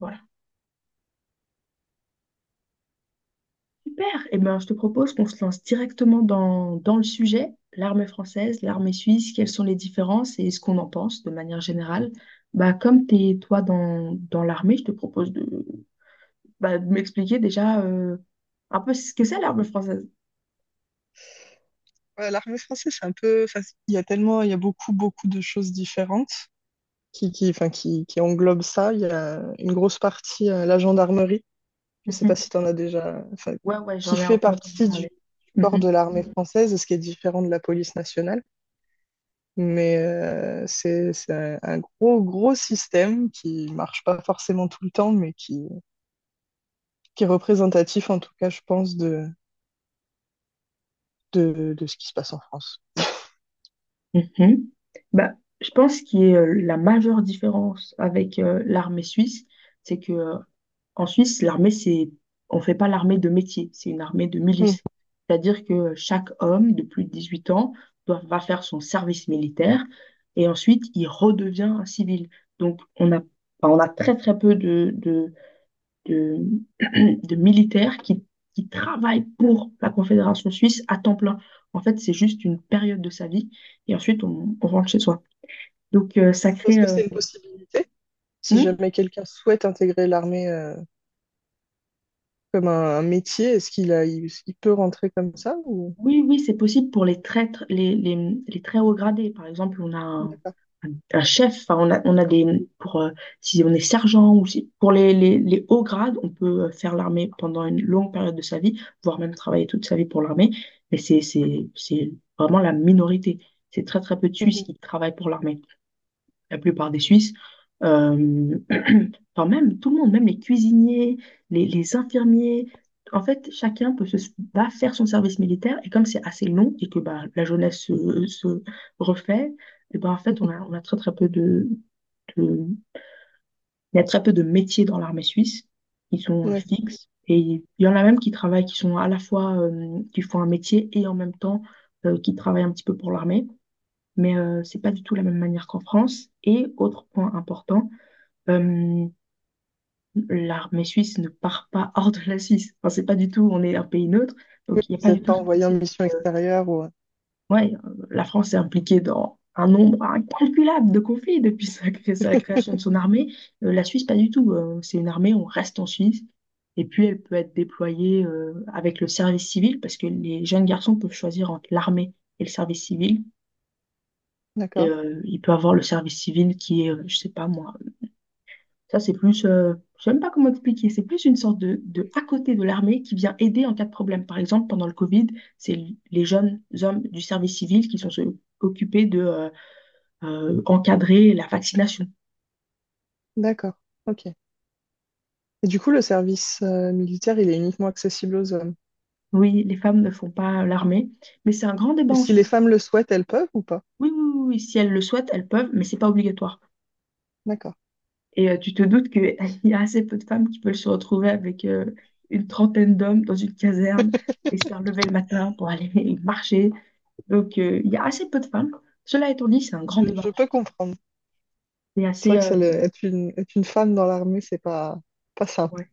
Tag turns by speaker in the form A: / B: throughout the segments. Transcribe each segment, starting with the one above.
A: Voilà, super. Eh ben, je te propose qu'on se lance directement dans le sujet, l'armée française, l'armée suisse, quelles sont les différences et ce qu'on en pense de manière générale. Bah, comme tu es toi dans l'armée, je te propose bah, de m'expliquer déjà un peu ce que c'est l'armée française.
B: Ouais, l'armée française, c'est un peu. Il y a tellement, il y a beaucoup de choses différentes qui englobent ça. Il y a une grosse partie, la gendarmerie. Je ne sais
A: Mhm.
B: pas si tu en as déjà. Enfin,
A: Ouais, ouais,
B: qui
A: j'en ai un
B: fait
A: peu entendu
B: partie du
A: parler.
B: corps
A: Mhm,
B: de l'armée française, ce qui est différent de la police nationale. Mais c'est un gros système qui marche pas forcément tout le temps, mais qui est représentatif, en tout cas, je pense, de ce qui se passe en France.
A: mhm. Bah, je pense que la majeure différence avec l'armée suisse, c'est que en Suisse, l'armée, c'est, on fait pas l'armée de métier, c'est une armée de
B: Hmm.
A: milice. C'est-à-dire que chaque homme de plus de 18 ans va faire son service militaire et ensuite il redevient un civil. Donc on a, enfin, on a très très peu de, de militaires qui travaillent pour la Confédération suisse à temps plein. En fait, c'est juste une période de sa vie et ensuite on rentre chez soi. Donc ça
B: Est-ce
A: crée...
B: que
A: euh,
B: c'est une possibilité? Si
A: Hmm.
B: jamais quelqu'un souhaite intégrer l'armée comme un métier, est-ce qu'il a, il peut rentrer comme ça ou...
A: Oui, oui, c'est possible pour les les très hauts gradés. Par exemple, on a un,
B: D'accord.
A: un chef, enfin, on a des, pour, si on est sergent ou si, pour les, les hauts grades, on peut faire l'armée pendant une longue période de sa vie, voire même travailler toute sa vie pour l'armée. Mais c'est vraiment la minorité. C'est très, très peu de Suisses
B: Mhm.
A: qui travaillent pour l'armée. La plupart des Suisses, euh, Enfin, même tout le monde, même les cuisiniers, les infirmiers. En fait, va faire son service militaire. Et comme c'est assez long et que bah, la jeunesse se refait, et bah en fait, on a très, très peu de- il y a très peu de métiers dans l'armée suisse qui sont
B: Ouais.
A: fixes. Et il y en a même qui travaillent, qui sont à la fois, qui font un métier et en même temps qui travaillent un petit peu pour l'armée. Mais c'est pas du tout la même manière qu'en France. Et autre point important, euh, l'armée suisse ne part pas hors de la Suisse. Enfin, c'est pas du tout, on est un pays neutre,
B: Oui,
A: donc il n'y a pas
B: vous
A: du
B: n'êtes
A: tout
B: pas
A: ce
B: envoyé en
A: principe.
B: mission
A: euh,
B: extérieure ou...
A: ouais, la France est impliquée dans un nombre incalculable de conflits depuis sa création de son armée. La Suisse, pas du tout. C'est une armée, on reste en Suisse. Et puis, elle peut être déployée avec le service civil, parce que les jeunes garçons peuvent choisir entre l'armée et le service civil. Et,
B: D'accord.
A: euh, il peut avoir le service civil qui est, je sais pas moi. Ça, c'est plus, je sais même pas comment expliquer, c'est plus une sorte de à côté de l'armée qui vient aider en cas de problème. Par exemple, pendant le Covid, c'est les jeunes hommes du service civil qui sont occupés de encadrer la vaccination.
B: D'accord. Ok. Et du coup, le service militaire, il est uniquement accessible aux hommes.
A: Oui, les femmes ne font pas l'armée, mais c'est un grand débat
B: Et
A: en
B: si les
A: Suisse.
B: femmes le souhaitent, elles peuvent ou pas?
A: Oui, oui, oui, oui, si elles le souhaitent, elles peuvent, mais c'est pas obligatoire.
B: D'accord.
A: Et tu te doutes qu'il y a assez peu de femmes qui peuvent se retrouver avec une trentaine d'hommes dans une caserne et se faire lever le matin pour aller marcher. Donc, il y a assez peu de femmes. Cela étant dit, c'est un grand
B: Je,
A: débat
B: je
A: en
B: peux
A: Suisse.
B: comprendre.
A: C'est
B: C'est
A: assez,
B: vrai que ça, être une femme dans l'armée, c'est pas, pas simple.
A: ouais.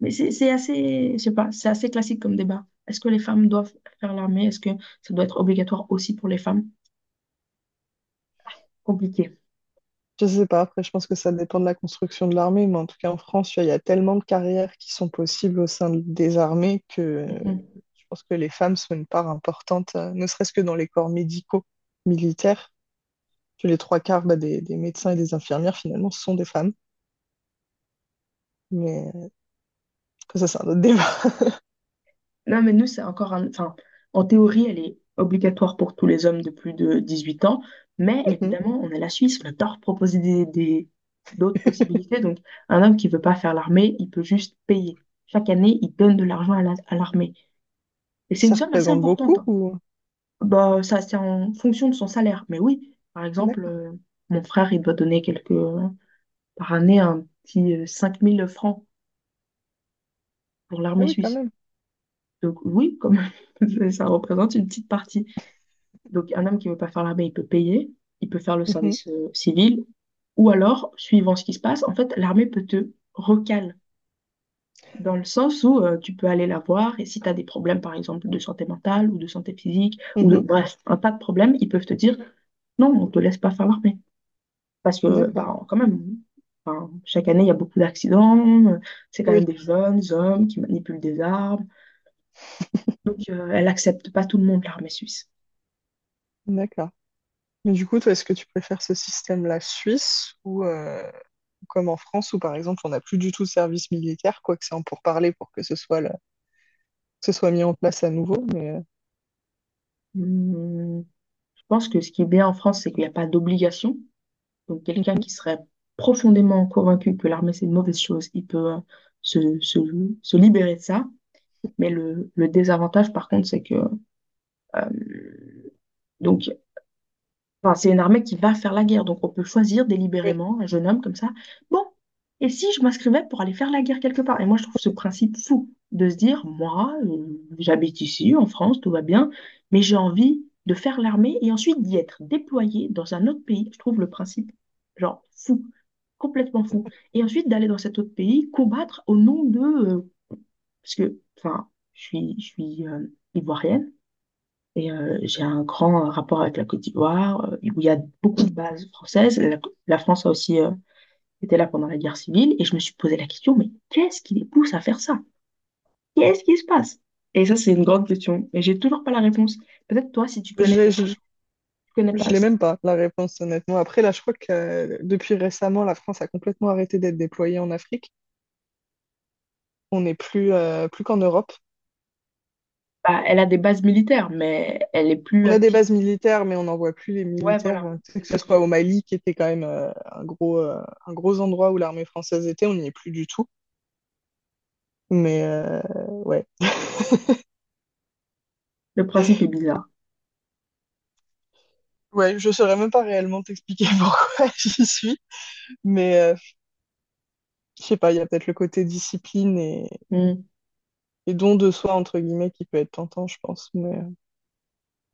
A: Mais c'est assez, je sais pas, c'est assez classique comme débat. Est-ce que les femmes doivent faire l'armée? Est-ce que ça doit être obligatoire aussi pour les femmes? Compliqué.
B: Je sais pas, après, je pense que ça dépend de la construction de l'armée, mais en tout cas, en France, tu vois, il y a tellement de carrières qui sont possibles au sein des armées que
A: Mhm.
B: je pense que les femmes sont une part importante, ne serait-ce que dans les corps médicaux, militaires. Que les trois quarts bah, des médecins et des infirmières, finalement, sont des femmes. Mais après, ça, c'est un autre débat.
A: Non, mais nous, c'est encore enfin, en théorie, elle est obligatoire pour tous les hommes de plus de 18 ans. Mais
B: Mhm.
A: évidemment, on est la Suisse, on adore proposer d'autres possibilités. Donc, un homme qui veut pas faire l'armée, il peut juste payer. Chaque année, il donne de l'argent à l'armée. Et c'est une
B: Ça
A: somme assez
B: représente
A: importante,
B: beaucoup
A: hein.
B: ou...
A: Bah, ça, c'est en fonction de son salaire. Mais oui, par exemple,
B: D'accord.
A: mon frère, il doit donner par année, un petit 5000 francs pour
B: Ah
A: l'armée
B: oui, quand
A: suisse.
B: même.
A: Donc oui, comme ça représente une petite partie. Donc un homme qui veut pas faire l'armée, il peut payer, il peut faire le
B: Mhm.
A: service civil, ou alors, suivant ce qui se passe, en fait, l'armée peut te recale, dans le sens où tu peux aller la voir, et si tu as des problèmes, par exemple, de santé mentale, ou de santé physique,
B: Mhm.
A: bref, un tas de problèmes, ils peuvent te dire, non, on te laisse pas faire l'armée. Parce que,
B: D'accord.
A: bah, quand même, enfin, chaque année, il y a beaucoup d'accidents. C'est quand même
B: Oui,
A: des jeunes hommes qui manipulent des armes. Donc, elle accepte pas tout le monde, l'armée suisse.
B: d'accord. Mais du coup, toi, est-ce que tu préfères ce système-là suisse ou... comme en France où par exemple on n'a plus du tout de service militaire, quoique c'est en pourparlers pour que ce soit, le- que ce soit mis en place à nouveau. Mais
A: Hum, je pense que ce qui est bien en France, c'est qu'il n'y a pas d'obligation. Donc, quelqu'un
B: mhm,
A: qui serait profondément convaincu que l'armée, c'est une mauvaise chose, il peut se, se, se libérer de ça. Mais le désavantage, par contre, c'est que euh, donc enfin, c'est une armée qui va faire la guerre, donc on peut choisir
B: oui,
A: délibérément un jeune homme comme ça. Bon, et si je m'inscrivais pour aller faire la guerre quelque part? Et moi, je trouve ce principe fou de se dire, moi, j'habite ici, en France, tout va bien, mais j'ai envie de faire l'armée et ensuite d'y être déployé dans un autre pays. Je trouve le principe, genre, fou, complètement fou. Et ensuite d'aller dans cet autre pays, combattre au nom de, parce que, enfin, je suis ivoirienne. Et j'ai un grand rapport avec la Côte d'Ivoire, où il y a beaucoup
B: Mm.
A: de bases françaises. La France a aussi été là pendant la guerre civile. Et je me suis posé la question, mais qu'est-ce qui les pousse à faire ça? Qu'est-ce qui se passe? Et ça, c'est une grande question. Et j'ai toujours pas la réponse. Peut-être toi, si tu
B: je
A: connais des
B: l'ai, je,
A: gens, tu connais
B: je
A: pas.
B: l'ai même pas la réponse honnêtement. Après là, je crois que depuis récemment, la France a complètement arrêté d'être déployée en Afrique. On n'est plus, plus qu'en Europe.
A: Bah, elle a des bases militaires, mais elle est plus
B: On a des
A: active.
B: bases militaires, mais on n'envoie plus les
A: Ouais,
B: militaires.
A: voilà,
B: Que ce
A: exactement.
B: soit au Mali, qui était quand même un un gros endroit où l'armée française était, on n'y est plus du tout. Mais ouais.
A: Le principe est bizarre.
B: Ouais, je saurais même pas réellement t'expliquer pourquoi j'y suis, Mais je sais pas, il y a peut-être le côté discipline
A: Hmm.
B: et don de soi, entre guillemets, qui peut être tentant, je pense. Mais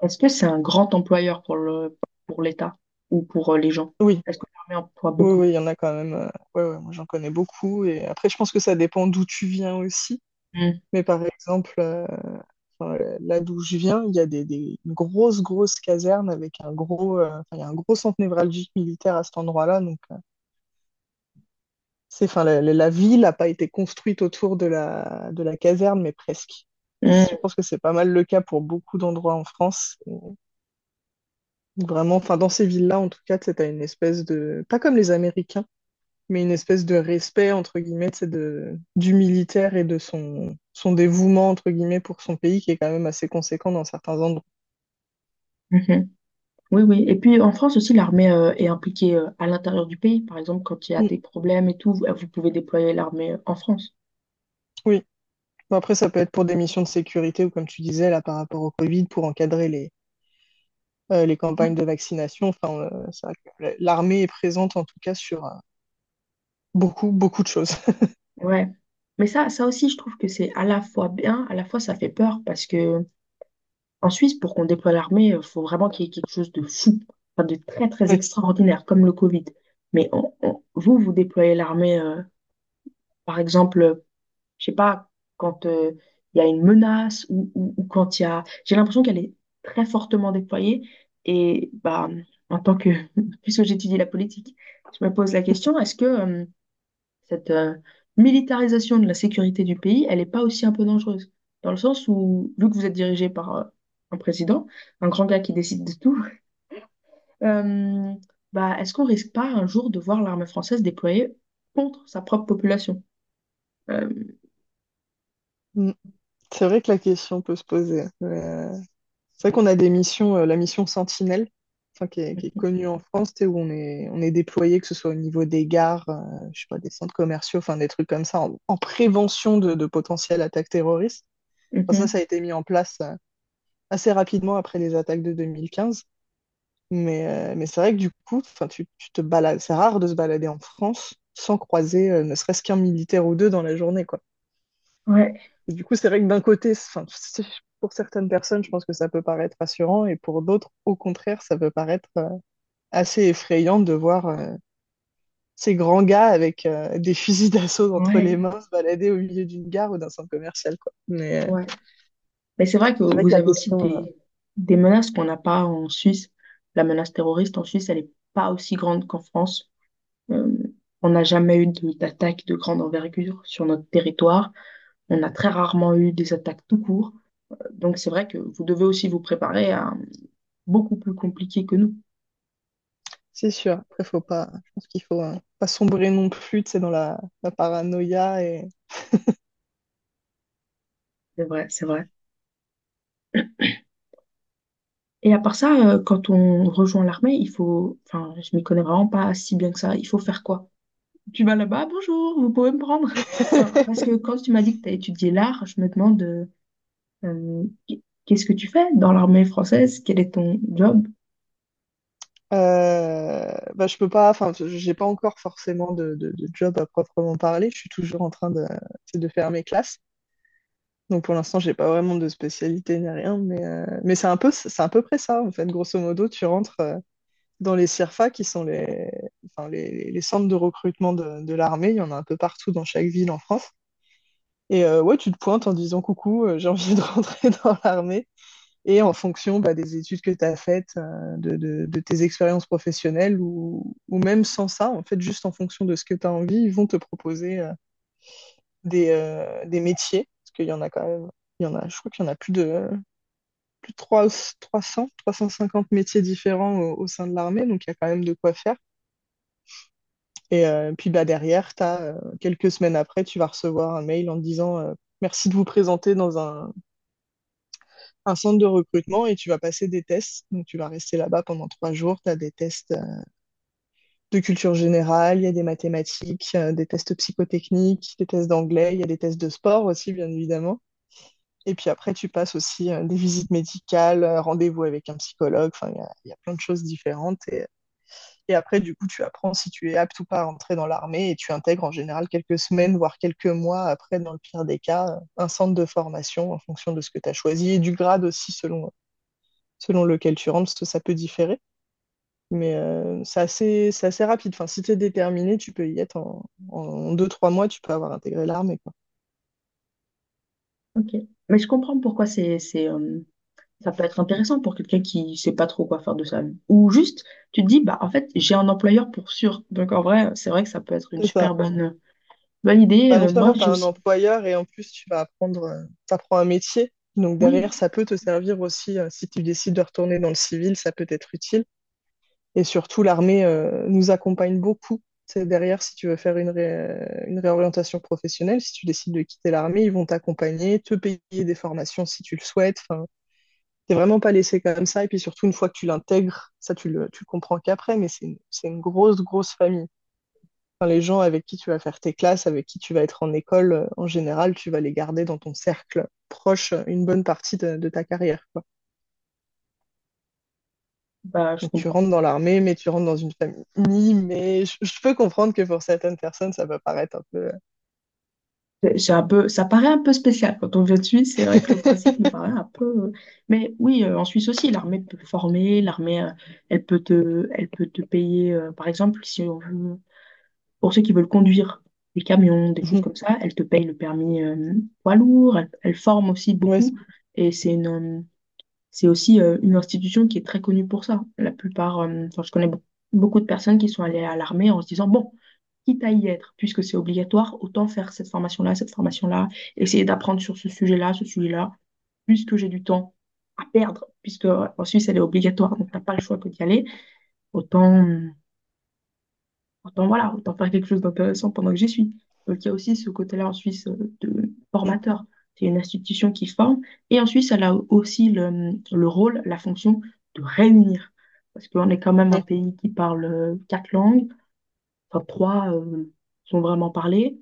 A: Est-ce que c'est un grand employeur pour l'État ou pour les gens?
B: oui,
A: Est-ce que l'armée emploie beaucoup?
B: oui, il y en a quand même. Ouais, moi j'en connais beaucoup. Et après, je pense que ça dépend d'où tu viens aussi.
A: Hmm.
B: Mais par exemple, là d'où je viens, il y a grosses casernes avec un gros, il y a un gros centre névralgique militaire à cet endroit-là. Donc, c'est, enfin, la ville n'a pas été construite autour de de la caserne, mais presque. Et je
A: Hmm.
B: pense que c'est pas mal le cas pour beaucoup d'endroits en France. Vraiment, enfin, dans ces villes-là, en tout cas, tu as une espèce de, pas comme les Américains, mais une espèce de respect, entre guillemets, tu sais, du militaire et de son dévouement, entre guillemets, pour son pays, qui est quand même assez conséquent dans certains endroits.
A: Mhm. Oui, oui. Et puis en France aussi, l'armée est impliquée à l'intérieur du pays. Par exemple, quand il y a
B: Mm,
A: des problèmes et tout, vous, vous pouvez déployer l'armée en France.
B: Oui. Bon, après, ça peut être pour des missions de sécurité ou, comme tu disais, là, par rapport au Covid, pour encadrer les
A: Ouais.
B: campagnes de vaccination. Enfin, c'est vrai que l'armée est présente, en tout cas, sur beaucoup de choses.
A: Ouais. Mais ça aussi, je trouve que c'est à la fois bien, à la fois ça fait peur parce que en Suisse, pour qu'on déploie l'armée, il faut vraiment qu'il y ait quelque chose de fou, enfin, de très, très
B: Ouais.
A: extraordinaire, comme le Covid. Mais vous, vous déployez l'armée, par exemple. Je sais pas, quand il y a une menace ou quand il y a. J'ai l'impression qu'elle est très fortement déployée. Et bah, en tant que. Puisque j'étudie la politique, je me pose la question, est-ce que cette militarisation de la sécurité du pays, elle n'est pas aussi un peu dangereuse? Dans le sens où, vu que vous êtes dirigé par un président, un grand gars qui décide de tout, euh, bah, est-ce qu'on risque pas un jour de voir l'armée française déployée contre sa propre population? Euh,
B: Mm. C'est vrai que la question peut se poser. Mais, c'est vrai qu'on a des missions, la mission Sentinelle, enfin, qui est connue en France, tu sais, où on est déployé, que ce soit au niveau des gares, je sais pas, des centres commerciaux, enfin des trucs comme ça, en prévention de potentielles attaques terroristes. Enfin,
A: mhm.
B: ça a été mis en place assez rapidement après les attaques de 2015. Mais, mais c'est vrai que du coup, enfin, tu te balades, c'est rare de se balader en France sans croiser ne serait-ce qu'un militaire ou deux dans la journée, quoi.
A: Ouais,
B: Et du coup, c'est vrai que d'un côté, enfin, pour certaines personnes, je pense que ça peut paraître rassurant, et pour d'autres, au contraire, ça peut paraître assez effrayant de voir ces grands gars avec des fusils d'assaut entre les
A: ouais.
B: mains se balader au milieu d'une gare ou d'un centre commercial, quoi. Mais
A: Ouais. Mais c'est vrai que
B: c'est vrai que
A: vous
B: la
A: avez aussi
B: question,
A: des menaces qu'on n'a pas en Suisse. La menace terroriste en Suisse, elle n'est pas aussi grande qu'en France. Euh, on n'a jamais eu d'attaque de grande envergure sur notre territoire. On a très rarement eu des attaques tout court. Donc c'est vrai que vous devez aussi vous préparer à beaucoup plus compliqué que nous.
B: c'est sûr. Après, faut pas, je pense qu'il faut pas sombrer non plus, tu sais, dans la paranoïa et
A: C'est vrai, c'est vrai. Et à part ça, quand on rejoint l'armée, il faut, enfin, je m'y connais vraiment pas si bien que ça. Il faut faire quoi? Tu vas là-bas, bonjour, vous pouvez me prendre. Enfin, parce que quand tu m'as dit que tu as étudié l'art, je me demande euh, qu'est-ce que tu fais dans l'armée française? Quel est ton job?
B: bah, je peux pas, enfin, j'ai pas encore forcément de job à proprement parler. Je suis toujours en train de faire mes classes. Donc pour l'instant, j'ai pas vraiment de spécialité ni rien, mais, mais c'est un peu, c'est à peu près ça, en fait. Grosso modo, tu rentres dans les CIRFA, qui sont les, enfin, les centres de recrutement de l'armée. Il y en a un peu partout dans chaque ville en France. Et ouais, tu te pointes en disant coucou, j'ai envie de rentrer dans l'armée. Et en fonction bah, des études que tu as faites, de tes expériences professionnelles ou même sans ça, en fait, juste en fonction de ce que tu as envie, ils vont te proposer des métiers. Parce qu'il y en a quand même, il y en a, je crois qu'il y en a plus de trois cents, trois cent cinquante métiers différents au sein de l'armée, donc il y a quand même de quoi faire. Et puis bah, derrière, t'as, quelques semaines après, tu vas recevoir un mail en disant merci de vous présenter dans centre de recrutement et tu vas passer des tests. Donc tu vas rester là-bas pendant trois jours, tu as des tests de culture générale, il y a des mathématiques, des tests psychotechniques, des tests d'anglais, il y a des tests de sport aussi, bien évidemment. Et puis après, tu passes aussi des visites médicales, rendez-vous avec un psychologue. Enfin, il y a plein de choses différentes. Et après, du coup, tu apprends si tu es apte ou pas à entrer dans l'armée et tu intègres en général quelques semaines, voire quelques mois après, dans le pire des cas, un centre de formation en fonction de ce que tu as choisi et du grade aussi selon lequel tu rentres, parce que ça peut différer. Mais c'est assez rapide. Enfin, si tu es déterminé, tu peux y être en deux, trois mois, tu peux avoir intégré l'armée, quoi.
A: Ok. Mais je comprends pourquoi ça peut être intéressant pour quelqu'un qui sait pas trop quoi faire de sa vie. Ou juste, tu te dis, bah, en fait, j'ai un employeur pour sûr. Donc, en vrai, c'est vrai que ça peut être une
B: C'est ça.
A: super bonne, bonne idée.
B: Bah, non
A: Moi,
B: seulement tu as
A: j'ai
B: un
A: aussi.
B: employeur et en plus, tu vas apprendre, t'apprends un métier. Donc
A: Oui,
B: derrière, ça peut te servir aussi, si tu décides de retourner dans le civil, ça peut être utile. Et surtout, l'armée nous accompagne beaucoup. C'est derrière, si tu veux faire une réorientation professionnelle, si tu décides de quitter l'armée, ils vont t'accompagner, te payer des formations si tu le souhaites. Enfin, t'es vraiment pas laissé comme ça. Et puis surtout, une fois que tu l'intègres, ça, tu le comprends qu'après, mais c'est une grosse famille. Enfin, les gens avec qui tu vas faire tes classes, avec qui tu vas être en école, en général, tu vas les garder dans ton cercle proche une bonne partie de ta carrière, quoi.
A: bah, je
B: Donc, tu
A: comprends.
B: rentres dans l'armée, mais tu rentres dans une famille. Mais je peux comprendre que pour certaines personnes, ça peut paraître un peu.
A: C'est un peu, ça paraît un peu spécial quand on vient de Suisse. C'est vrai que le principe nous paraît un peu. Mais oui, en Suisse aussi, l'armée peut former. L'armée, elle peut te payer, par exemple, si on veut, pour ceux qui veulent conduire des camions, des choses
B: Mhm.
A: comme ça, elle te paye le permis, poids lourd. Elle, elle forme aussi
B: Ouais, c'est-
A: beaucoup. Et c'est une, c'est aussi une institution qui est très connue pour ça. La plupart, enfin, je connais beaucoup de personnes qui sont allées à l'armée en se disant, bon, quitte à y être, puisque c'est obligatoire, autant faire cette formation-là, essayer d'apprendre sur ce sujet-là, puisque j'ai du temps à perdre, puisque en Suisse, elle est obligatoire, donc t'as pas le choix que d'y aller, autant... euh, Autant, voilà, autant faire quelque chose d'intéressant pendant que j'y suis. Donc, il y a aussi ce côté-là en Suisse de
B: mhm.
A: formateur. C'est une institution qui forme. Et en Suisse, elle a aussi le rôle, la fonction de réunir. Parce qu'on est quand même un
B: Ouais.
A: pays qui parle 4 langues. Enfin, trois sont vraiment parlées.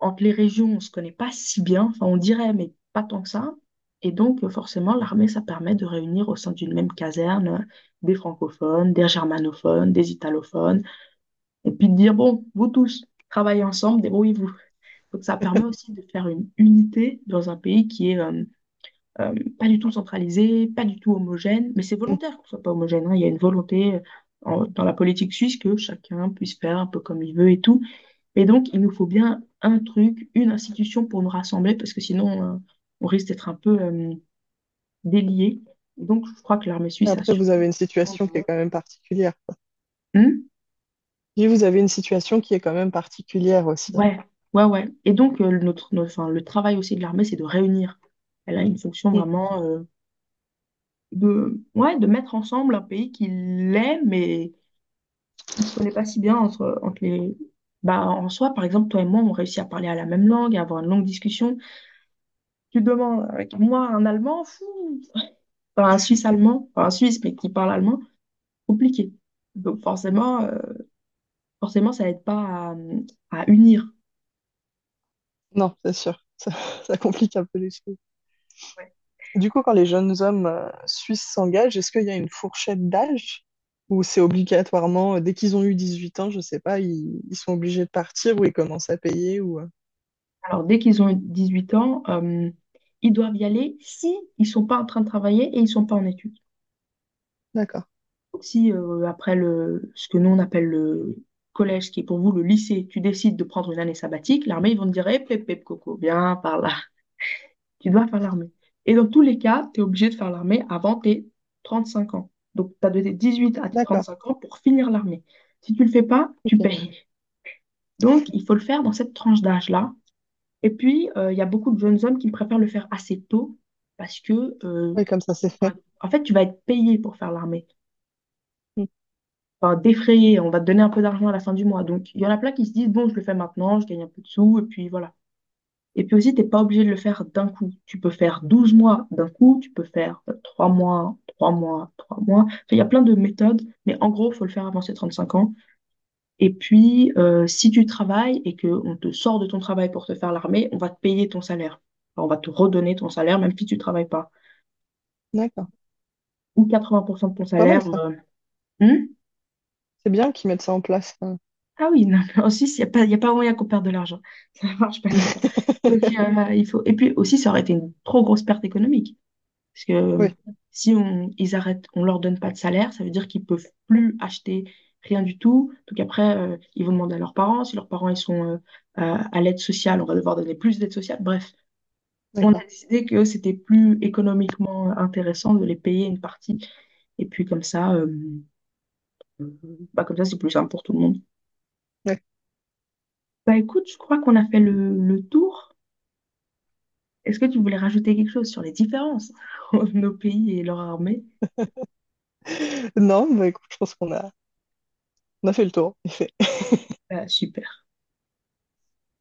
A: Entre les régions, on ne se connaît pas si bien. Enfin, on dirait, mais pas tant que ça. Et donc, forcément, l'armée, ça permet de réunir au sein d'une même caserne des francophones, des germanophones, des italophones et puis de dire, bon, vous tous, travaillez ensemble, débrouillez-vous. Donc ça permet aussi de faire une unité dans un pays qui est pas du tout centralisé, pas du tout homogène, mais c'est
B: Mhm.
A: volontaire qu'on soit pas homogène, hein. Il y a une volonté dans la politique suisse que chacun puisse faire un peu comme il veut et tout. Et donc il nous faut bien un truc, une institution pour nous rassembler, parce que sinon on risque d'être un peu déliés. Donc je crois que l'armée suisse a
B: Après,
A: su.
B: vous avez une situation qui est quand même particulière.
A: Hmm.
B: Puis vous avez une situation qui est quand même particulière aussi.
A: Ouais, ouais, ouais. Et donc, enfin, le travail aussi de l'armée, c'est de réunir. Elle a une fonction
B: Mhm.
A: vraiment de, ouais, de mettre ensemble un pays qui l'est, mais qui ne se connaît pas si bien entre, Bah, en soi, par exemple, toi et moi, on réussit à parler à la même langue, à avoir une longue discussion. Tu demandes avec moi un Allemand, fou, enfin, un Suisse allemand, enfin, un Suisse, mais qui parle allemand, compliqué. Donc forcément, forcément, ça aide pas à, à unir.
B: Non, c'est sûr. Ça, ça complique un peu les choses. Du coup, quand les jeunes hommes suisses s'engagent, est-ce qu'il y a une fourchette d'âge ou c'est obligatoirement, dès qu'ils ont eu 18 ans, je sais pas, ils sont obligés de partir ou ils commencent à payer ou...
A: Alors, dès qu'ils ont 18 ans, ils doivent y aller si ils sont pas en train de travailler et ils sont pas en études.
B: D'accord,
A: Donc, si après le, ce que nous on appelle le collège, ce qui est pour vous le lycée, tu décides de prendre une année sabbatique, l'armée, ils vont te dire, eh, pep, pep, coco, viens par là. Tu dois faire l'armée. Et dans tous les cas, tu es obligé de faire l'armée avant tes 35 ans. Donc, tu as de tes 18 à tes
B: d'accord,
A: 35 ans pour finir l'armée. Si tu le fais pas, tu
B: ok.
A: payes. Donc, il faut le faire dans cette tranche d'âge-là. Et puis, il y a beaucoup de jeunes hommes qui préfèrent le faire assez tôt parce que,
B: Oui, comme ça, c'est
A: enfin,
B: fait.
A: en fait, tu vas être payé pour faire l'armée,
B: Mm.
A: enfin, défrayé, on va te donner un peu d'argent à la fin du mois. Donc, il y en a plein qui se disent, bon, je le fais maintenant, je gagne un peu de sous, et puis voilà. Et puis aussi, t'es pas obligé de le faire d'un coup. Tu peux faire 12 mois d'un coup, tu peux faire 3 mois, 3 mois, 3 mois. Enfin, il y a plein de méthodes, mais en gros, faut le faire avant ses 35 ans. Et puis, si tu travailles et qu'on te sort de ton travail pour te faire l'armée, on va te payer ton salaire. Enfin, on va te redonner ton salaire, même si tu travailles pas.
B: D'accord.
A: Ou 80% de ton
B: C'est pas mal,
A: salaire.
B: ça.
A: Hmm.
B: C'est bien qu'ils mettent ça en place, hein.
A: Ah oui, non, mais en Suisse, il n'y a pas, il y a pas moyen qu'on perde de l'argent. Ça ne marche pas comme ça. Donc, il faut... Et puis aussi, ça aurait été une trop grosse perte économique. Parce que
B: Oui,
A: si on, ils arrêtent, on leur donne pas de salaire, ça veut dire qu'ils peuvent plus acheter rien du tout. Donc après, ils vont demander à leurs parents. Si leurs parents, ils sont à l'aide sociale, on va devoir donner plus d'aide sociale. Bref. On a
B: d'accord.
A: décidé que c'était plus économiquement intéressant de les payer une partie. Et puis comme ça, bah, comme ça, c'est plus simple pour tout le monde.
B: Ouais.
A: Bah écoute, je crois qu'on a fait le tour. Est-ce que tu voulais rajouter quelque chose sur les différences entre nos pays et leur armée?
B: Non, bah, écoute, je pense qu'on a, on a fait le tour.
A: Bah, super.